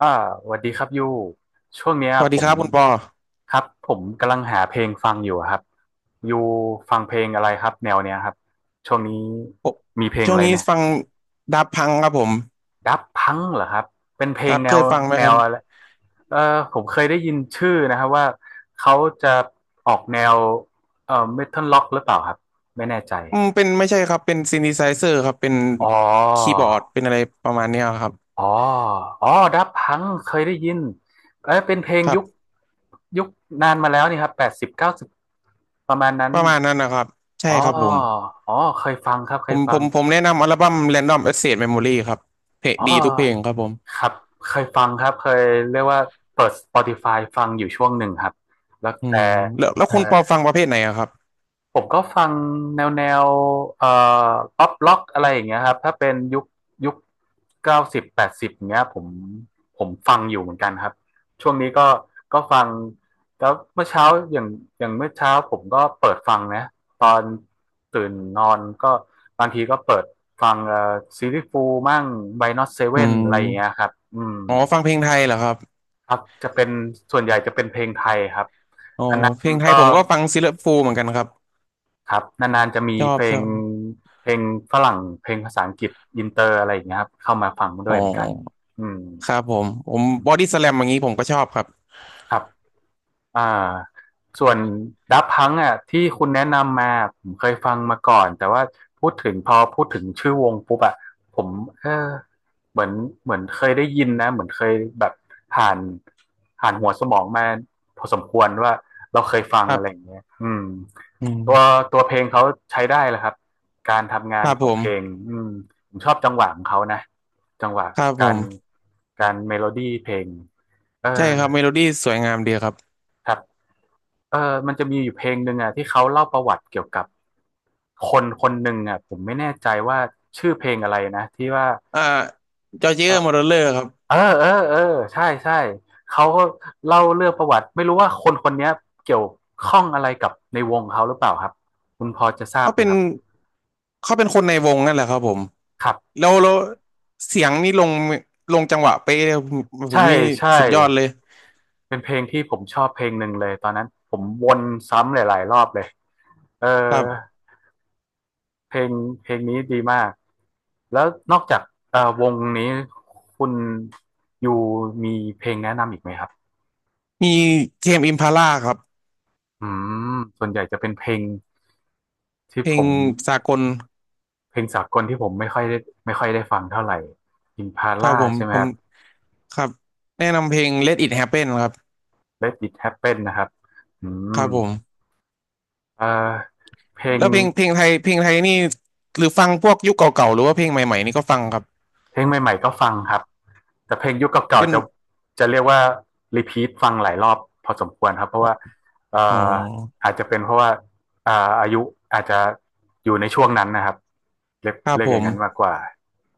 อ่าสวัสดีครับยูช่วงเนี้ยสวัสผดีคมรับคุณปอครับผมกำลังหาเพลงฟังอยู่อะครับยูฟังเพลงอะไรครับแนวเนี้ยครับช่วงนี้ผมมีเพลงช่วอะงไรนี้เนี่ยฟังดับพังครับผมดับพังเหรอครับเป็นเพลคงรับแนเควยฟังไหมแนครัวบอะไรเออผมเคยได้ยินชื่อนะครับว่าเขาจะออกแนวเมทัลล็อกหรือเปล่าครับไม่แน่ใจเป็นไม่ใช่ครับเป็นซิน t h ไซเซอร์ครับเป็นอ๋อ คีย์บอร์ดเป็นอะไรประมาณเนี้ยครับอ๋อ อ๋อ ดับพัง เคยได้ยินเอ้ยเป็นเพลงครัยุคบยุคนานมาแล้วนี่ครับ80-90ประมาณนั้น ประมาณนั้นนะครับอ๋ใช่อ ครับผมอ๋อ เคยฟังครับเคผยมฟัผงมผมแนะนำอัลบั้ม Random Access Memory ครับเพลงอ๋อดีทุกเพลงครับผมครับ เคยฟังครับ เคยเรียกว่าเปิด Spotify ฟังอยู่ช่วงหนึ่งครับ แล้วอืแต่มแล้วคุณปอใช่ ฟังประเภทไหนอะครับผมก็ฟังแนวเอ่อป๊อปล็อกอะไรอย่างเงี้ยครับถ้าเป็นยุค90-80เงี้ยผมฟังอยู่เหมือนกันครับช่วงนี้ก็ฟังแล้วเมื่อเช้าอย่างอย่างเมื่อเช้าผมก็เปิดฟังนะตอนตื่นนอนก็บางทีก็เปิดฟังซีรีส์ฟูมั่งไวนอตเซอืเว่นอะไรอย่างเงี้ยมครับอืมอ๋อฟังเพลงไทยเหรอครับครับจะเป็นส่วนใหญ่จะเป็นเพลงไทยครับอ๋อนาเพนลงไทๆยก็ ผมก็ฟังซิลเลอร์ฟูลเหมือนกันครับครับนานๆจะมีชอเพบลชองบเพลงฝรั่งเพลงภาษาอังกฤษอินเตอร์อะไรอย่างเงี้ยครับเข้ามาฟังด้อ๋วอยเหมือนกันอืมครับผมบอดี้สแลมอย่างนี้ผมก็ชอบครับ ครับ อ่าส่วนดับพังอ่ะที่คุณแนะนำมาผมเคยฟังมาก่อนแต่ว่าพูดถึงพอพูดถึงชื่อวงปุ๊บอ่ะผมเออเหมือนเหมือนเคยได้ยินนะเหมือนเคยแบบผ่านผ่านหัวสมองมาพอสมควรว่าเราเคยฟังครัอะไรอย่างบเงี้ยอืมอืตัวมตัวเพลงเขาใช้ได้แหละครับการทำงาคนรับขผองเพลงมอืมผมชอบจังหวะของเขานะจังหวะครับผการม การเมโลดี้เพลงเออใช่ครับเมโลดี้สวยงามดีครับครับ เออมันจะมีอยู่เพลงหนึ่งอ่ะที่เขาเล่าประวัติเกี่ยวกับคนคนหนึ่งอ่ะผมไม่แน่ใจว่าชื่อเพลงอะไรนะที่ว่าอ่าจอร์เจอเออร์มอร์เลอร์ครับเออใช่ใช่เขาก็เล่าเรื่องประวัติไม่รู้ว่าคนคนเนี้ยเกี่ยวข้องอะไรกับในวงเขาหรือเปล่าครับคุณพอจะทราบเขาไหมเป็นครับเขาเป็นคนในวงนั่นแหละครับผมครับแล้วเสียงนี่ลงจังหวะเป๊ะเลยผมผใช่มนี่ใช่สุดยอดเลยเป็นเพลงที่ผมชอบเพลงหนึ่งเลยตอนนั้นผมวนซ้ำหลายๆรอบเลยเออครับเพลงเพลงนี้ดีมาก แล้วนอกจากวงนี้คุณอยูมีเพลงแนะนำอีกไหมครับมีเทมอิมพาล่าครับ อืมส่วนใหญ่จะเป็นเพลงที่เพลผงมสากลเพลงสากลที่ผมไม่ค่อยได้ฟังเท่าไหร่ ครับ Impala ผมใช่ไหมผคมรับ ครับแนะนำเพลง Let It Happen ครับ Let It Happen นะครับอืครัมบผมเอ่อเพลงแล้วเพลงไทยนี่หรือฟังพวกยุคเก่าๆหรือว่าเพลงใหม่ๆนี่ก็ฟังครับเพลงใหม่ๆก็ฟังครับ แต่เพลงยุคเก่าเป็นๆจะเรียกว่ารีพีทฟังหลายรอบพอสมควรครับเพราะว่าเอ่อ๋อ ออาจจะเป็นเพราะว่าอ่าอายุอาจจะอยู่ในช่วงนั้นนะครับเรียกครับเรียผกอย่ามงนั้นมากกว่า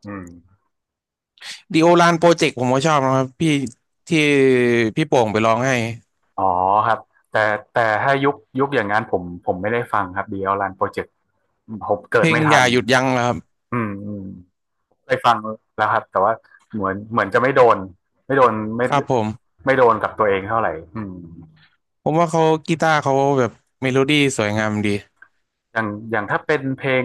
อืมดีโอลานโปรเจกต์ผมก็ชอบนะครับพี่ที่พี่โป่งไปร้องให้อ๋อครับแต่แต่ถ้ายุคอย่างนั้นผมไม่ได้ฟังครับดีเอลรันโปรเจกต์ Project ผมเกิเพดลงไม่อทัย่านหยุดยั้งนะครับอืมเคยฟังแล้วครับแต่ว่าเหมือนจะไม่โดนไม่ครับผมไม่โดนกับตัวเองเท่าไหร่อืม ผมว่าเขากีตาร์เขาแบบเมโลดี้สวยงามดีอย่างถ้าเป็นเพลง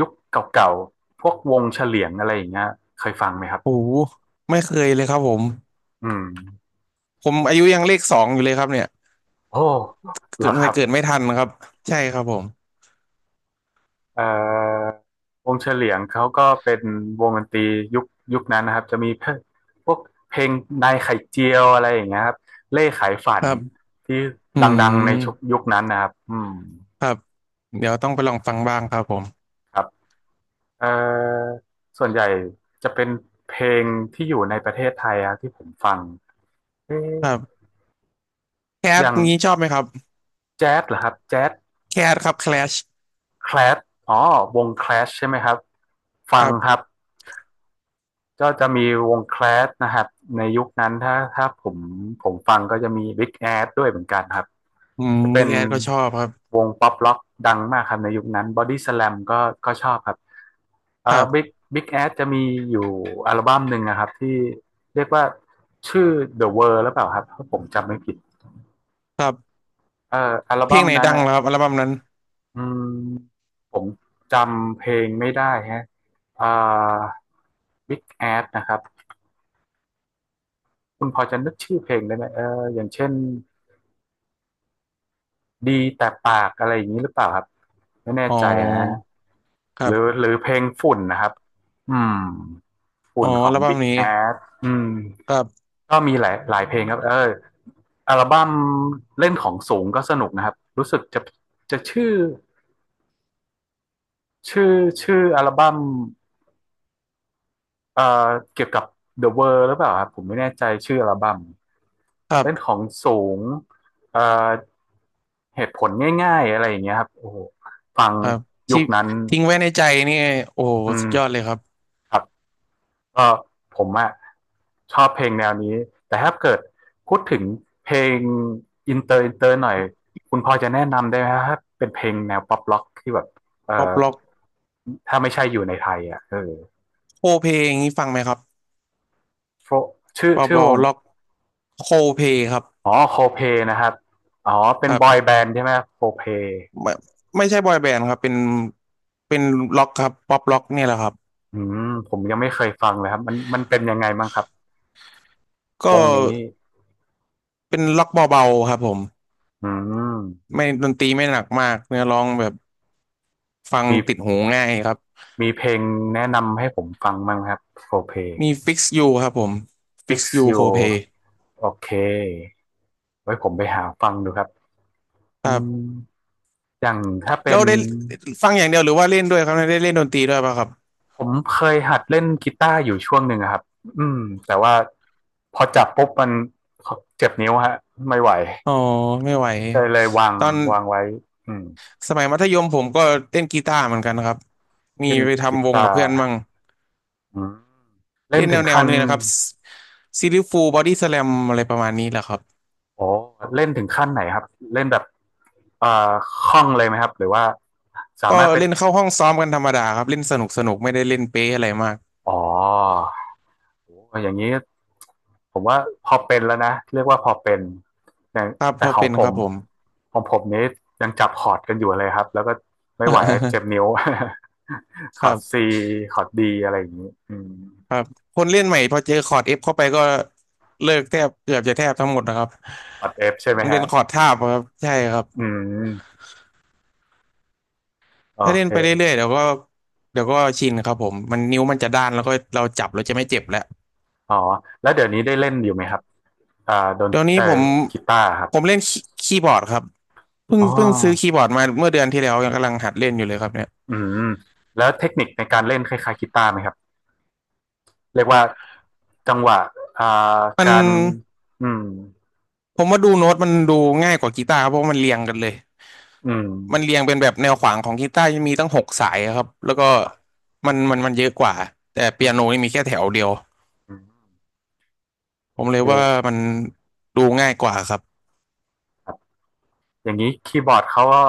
ยุคเก่าๆพวกวงเฉลียงอะไรอย่างเงี้ยเคยฟังไหมครับโอ้โหไม่เคยเลยครับผมอืมผมอายุยังเลขสองอยู่เลยครับเนี่ยโอ้เหรเกิอดครับเกิดไม่ทันครับใช่ครับผมเอ่อวงเฉลียงเขาก็เป็นวงดนตรียุคยุคนั้นนะครับจะมีเพพวกเพลงนายไข่เจียวอะไรอย่างเงี้ยครับเล่ขายฝัคนรับที่อืดังๆในมชุยุคนั้นนะครับอืมครับเดี๋ยวต้องไปลองฟังบ้างครับผมครับเอ่อส่วนใหญ่จะเป็นเพลงที่อยู่ในประเทศไทยอะที่ผมฟังเอ๊ะครับแคอทย่างนี้ชอบไหมครับแจ๊สเหรอครับแจ๊ส แคทครับแคลชแคลสอ๋อวงแคลสใช่ไหมครับ ฟัคงรับครับก็จะมีวงแคลสนะครับ ในยุคนั้นถ้าผมฟังก็จะมีบิ๊กแอดด้วยเหมือนกันครับ จะเป็พี่นแคทก็ชอบครับวงป๊อปร็อกดังมากครับในยุคนั้นบอดี้ส a ลมก็ก็ชอบครับคเอ่รัอบิ๊กบบิ๊กแอดจะมีอยู่อัลบั้มหนึ่งนะครับที่เรียกว่าชื่อ The World หรือเปล่าครับถ้าผมจำไม่ผิดครับอัลเพลบั้งมไหนนั้นดังนะ เหรอครับอัลบั้มนั้น อืมผมจำเพลงไม่ได้ฮะอ่า Big Ass นะครับคุณพอจะนึกชื่อเพลงได้ไหมเอออย่างเช่นดีแต่ปากอะไรอย่างนี้หรือเปล่าครับไม่แน่อ๋ใจนะอครัหรือบหรือเพลงฝุ่นนะครับอืมอ๋ฝุ่อนขออัง ลบั้ม Big นี้ Ass อืมครับก็มีหลายเพลงครับเอออัลบั้มเล่นของสูงก็สนุกนะครับรู้สึกจะชื่อชื่ออัลบั้ม เอ่อเกี่ยวกับ The World หรือเปล่าครับผมไม่แน่ใจชื่ออัลบั้มครัเล่นขบองสูงเอ่อเหตุผลง่ายๆอะไรอย่างเงี้ยครับโอ้โหฟังครับยุที่คนั้นทิ้งไว้ในใจนี่โอ้โหอืสุมดยอดเลยครับครับก็ผมอะชอบเพลงแนวนี้แต่ถ้าเกิดพูดถึงเพลงอินเตอร์หน่อยคุณพอจะแนะนำได้ไหมครับถ้าเป็นเพลงแนวป๊อปร็อกที่แบบเอ่ป๊อปอล็อกถ้าไม่ใช่อยู่ในไทยอ่ะเออ โคเพลงนี้ฟังไหมครับ Fro- ชื่อป๊อปวง ล็อกโคเพลครับอ๋อโคเพนะครับอ๋อเป็คนรับอยบแบนด์ใช่ไหมโคเพไม่ไม่ใช่บอยแบนด์ครับเป็นล็อกครับป๊อปล็อกเนี่ยแหละครับอืมผมยังไม่เคยฟังเลยครับมันเป็นยังไงบ้างครับก็วงนี้เป็นล็อกเบาๆครับผมอืมไม่ดนตรีไม่หนักมากเนื้อร้องแบบฟังมีติดหูง่ายครับมีเพลงแนะนำให้ผมฟังบ้างไหมครับโคเพ มีฟิกซ์ยูครับผมฟิกซ์ Fix ยูโคเพล You โอเคไว้ผมไปหาฟังดูครับคอืรัมบ อย่างถ้าแล้เป็วนได้ฟังอย่างเดียวหรือว่าเล่นด้วยครับได้เล่นดนตรีด้วยป่ะครับผมเคยหัดเล่นกีตาร์อยู่ช่วงหนึ่งอะครับอืมแต่ว่าพอจับปุ๊บมันเจ็บนิ้วฮะไม่ไหว อ๋อไม่ไหวก็เลยวางตอนวางไว้อืมสมัยมัธยมผมก็เล่นกีตาร์เหมือนกันครับมีเช่นไปกีทำวงตากับเพื่ร์อนมั่งอืมเล่เล่นนแนถึงวแนวขั้นนี่นะครับซิลลิฟูบอดี้สแลมอะไรประมาณนี้แหละครับโอ้เล่นถึงขั้นไหนครับเล่นแบบเอ่อคล่องเลยไหมครับหรือว่าสาก็มารถเป็นเล่นเข้าห้องซ้อมกันธรรมดาครับเล่นสนุกสนุกไม่ได้เล่นเป๊ะอะไรมากอ๋อโอ้อย่างนี้ผมว่าพอเป็นแล้วนะเรียกว่าพอเป็นแต่ครับพแต่อของเป็นผคมรับผม ของผมนี้ยังจับคอร์ดกันอยู่เลยครับแล้วก็ไม่ไหวเจ็บนิ้ว คคอรัร์ดซีบคอร์ดดีอะไรอย่างนี้อืมครับคนเล่นใหม่พอเจอคอร์ดเอฟเข้าไปก็เลิกแทบเกือบจะแทบทั้งหมดนะครับคอร์ดเอฟใช่ไหมมันเป็ฮะนคอร์ดทาบครับใช่ครับ อืมโอถ้าเล่เค นไปเรื่อยๆเดี๋ยวก็ชินครับผมมันนิ้วมันจะด้านแล้วก็เราจับเราจะไม่เจ็บแล้วอ๋อแล้วเดี๋ยวนี้ได้เล่นอยู่ไหมครับอ่าดนเดี๋ยวนี้เอ่อผมกีตาร์ครับผมเล่นคีย์บอร์ดครับเพิ่งอ๋อเพิ่งซื้อคีย์บอร์ดมาเมื่อเดือนที่แล้วยังกำลังหัดเล่นอยู่เลยครับเนี่ยอืมแล้วเทคนิคในการเล่นคล้ายๆกีตาร์ไหมครับเรียกว่าจังหวะอ่ามันการอืมผมว่าดูโน้ตมันดูง่ายกว่ากีตาร์ครับเพราะว่ามันเรียงกันเลยอืมมันเรียงเป็นแบบแนวขวางของกีตาร์จะมีตั้ง6 สายครับแล้วก็ครับมันเยอะกว่าแต่อืเปียมโนนี่มีแค่แถวเดียวอืมผมเลยโอว่าเคมันดูง่ายกว่าครับ ครับอย่างนี้คีย์บอร์ดเขาก็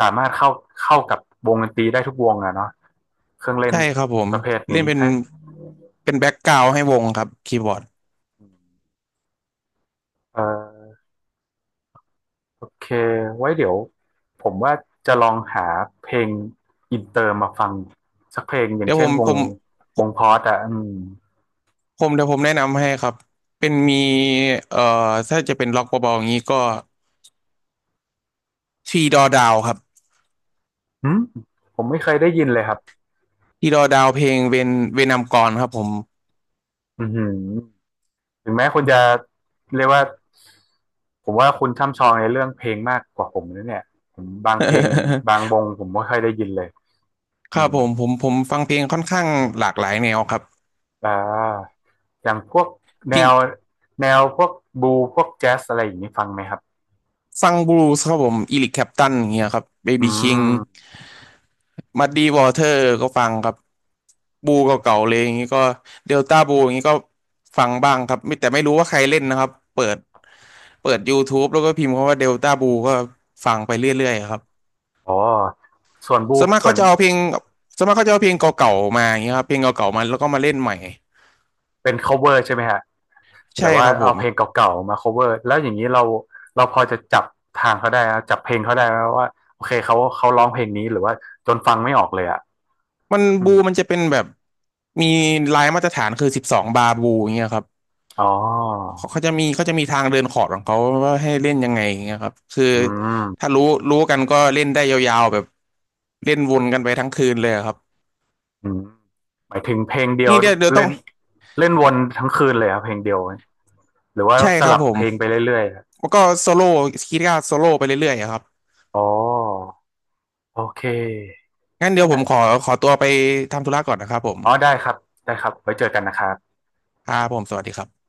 สามารถเข้ากับวงดนตรีได้ทุกวงอะเนาะเครื่องเล่นใช่ครับผมประเภทเล่นี้นเป็คนรับแบ็กกราวด์ให้วงครับคีย์บอร์ดเอ่อ โอเคไว้เดี๋ยวผมว่าจะลองหาเพลงอินเตอร์มาฟังสักเพลงอย่าเดี๋งยวเช่นวงผมพอดอ่ะอืมผมแนะนำให้ครับเป็นมีเอ่อถ้าจะเป็นล็อกเบาๆอย่างนี้ก็ทีดอดาวครับหืมผมไม่เคยได้ยินเลยครับทีดอดาวเพลงเวนเวนามกรครับผม อือหือถึงแม้คุณจะเรียกว่าผมว่าคุณช่ำชองในเรื่องเพลงมากกว่าผมนะเนี่ยผมบางเพลงบางว งผมไม่เคยได้ยินเลยคอืรับมผมฟังเพลงค่อนข้างหลากหลายแนวครับอ่าอย่างพวกแนพิงวพวกบลูพวกแจ๊สอะไรอย่างนี้ฟังไหมครับฟังบลูส์ครับผมอีริกแคลปตันอย่างเงี้ยครับเบอืบี้คิง มมัดดีวอเตอร์ก็ฟังครับบูเก่าๆเลยอย่างนี้ก็เดลต้าบูอย่างนี้ก็ฟังบ้างครับไม่แต่ไม่รู้ว่าใครเล่นนะครับเปิดYouTube แล้วก็พิมพ์คำว่าเดลต้าบูก็ฟังไปเรื่อยๆครับอ๋อส่วนบูส่วนมากส่วเขาน จะเอาเพลงส่วนมากเขาจะเอาเพลงเก่าๆมาอย่างนี้ครับเพลงเก่าๆมาแล้วก็มาเล่นใหม่เป็น cover ใช่ไหมฮะแบใช่บว่าครับผเอามเพลงเก่าๆมา cover แล้วอย่างนี้เราพอจะจับทางเขาได้นะจับเพลงเขาได้ไหมว่าโอเคเขาร้องเพลงนี้หรือว่าจนฟังไม่ออกเลยอ่ะมันอืมบูมันจะเป็นแบบมีลายมาตรฐานคือ12บาบูอย่างเงี้ยครับ อ๋อเขาจะมีทางเดินขอร์ดของเขาว่าให้เล่นยังไงอย่างเงี้ยครับคืออืมถ้ารู้กันก็เล่นได้ยาวๆแบบเล่นวนกันไปทั้งคืนเลยอะครับอืมหมายถึงเพลงเดียวนี่เดี๋ยวต้อเล่งนเล่นวนทั้งคืนเลยครับเพลงเดียวหรือว่าใช่สครับลับผเพมลงไปเรื่อยๆอะแล้วก็โซโล่คีตก้ารโซโล่ไปเรื่อยๆอะครับอ๋อโอเคงั้นเดี๋ยวเอผมขออขอตัวไปทำธุระก่อนนะครับผมอ๋อได้ครับได้ครับไว้เจอกันนะครับครับผมสวัสดีครับ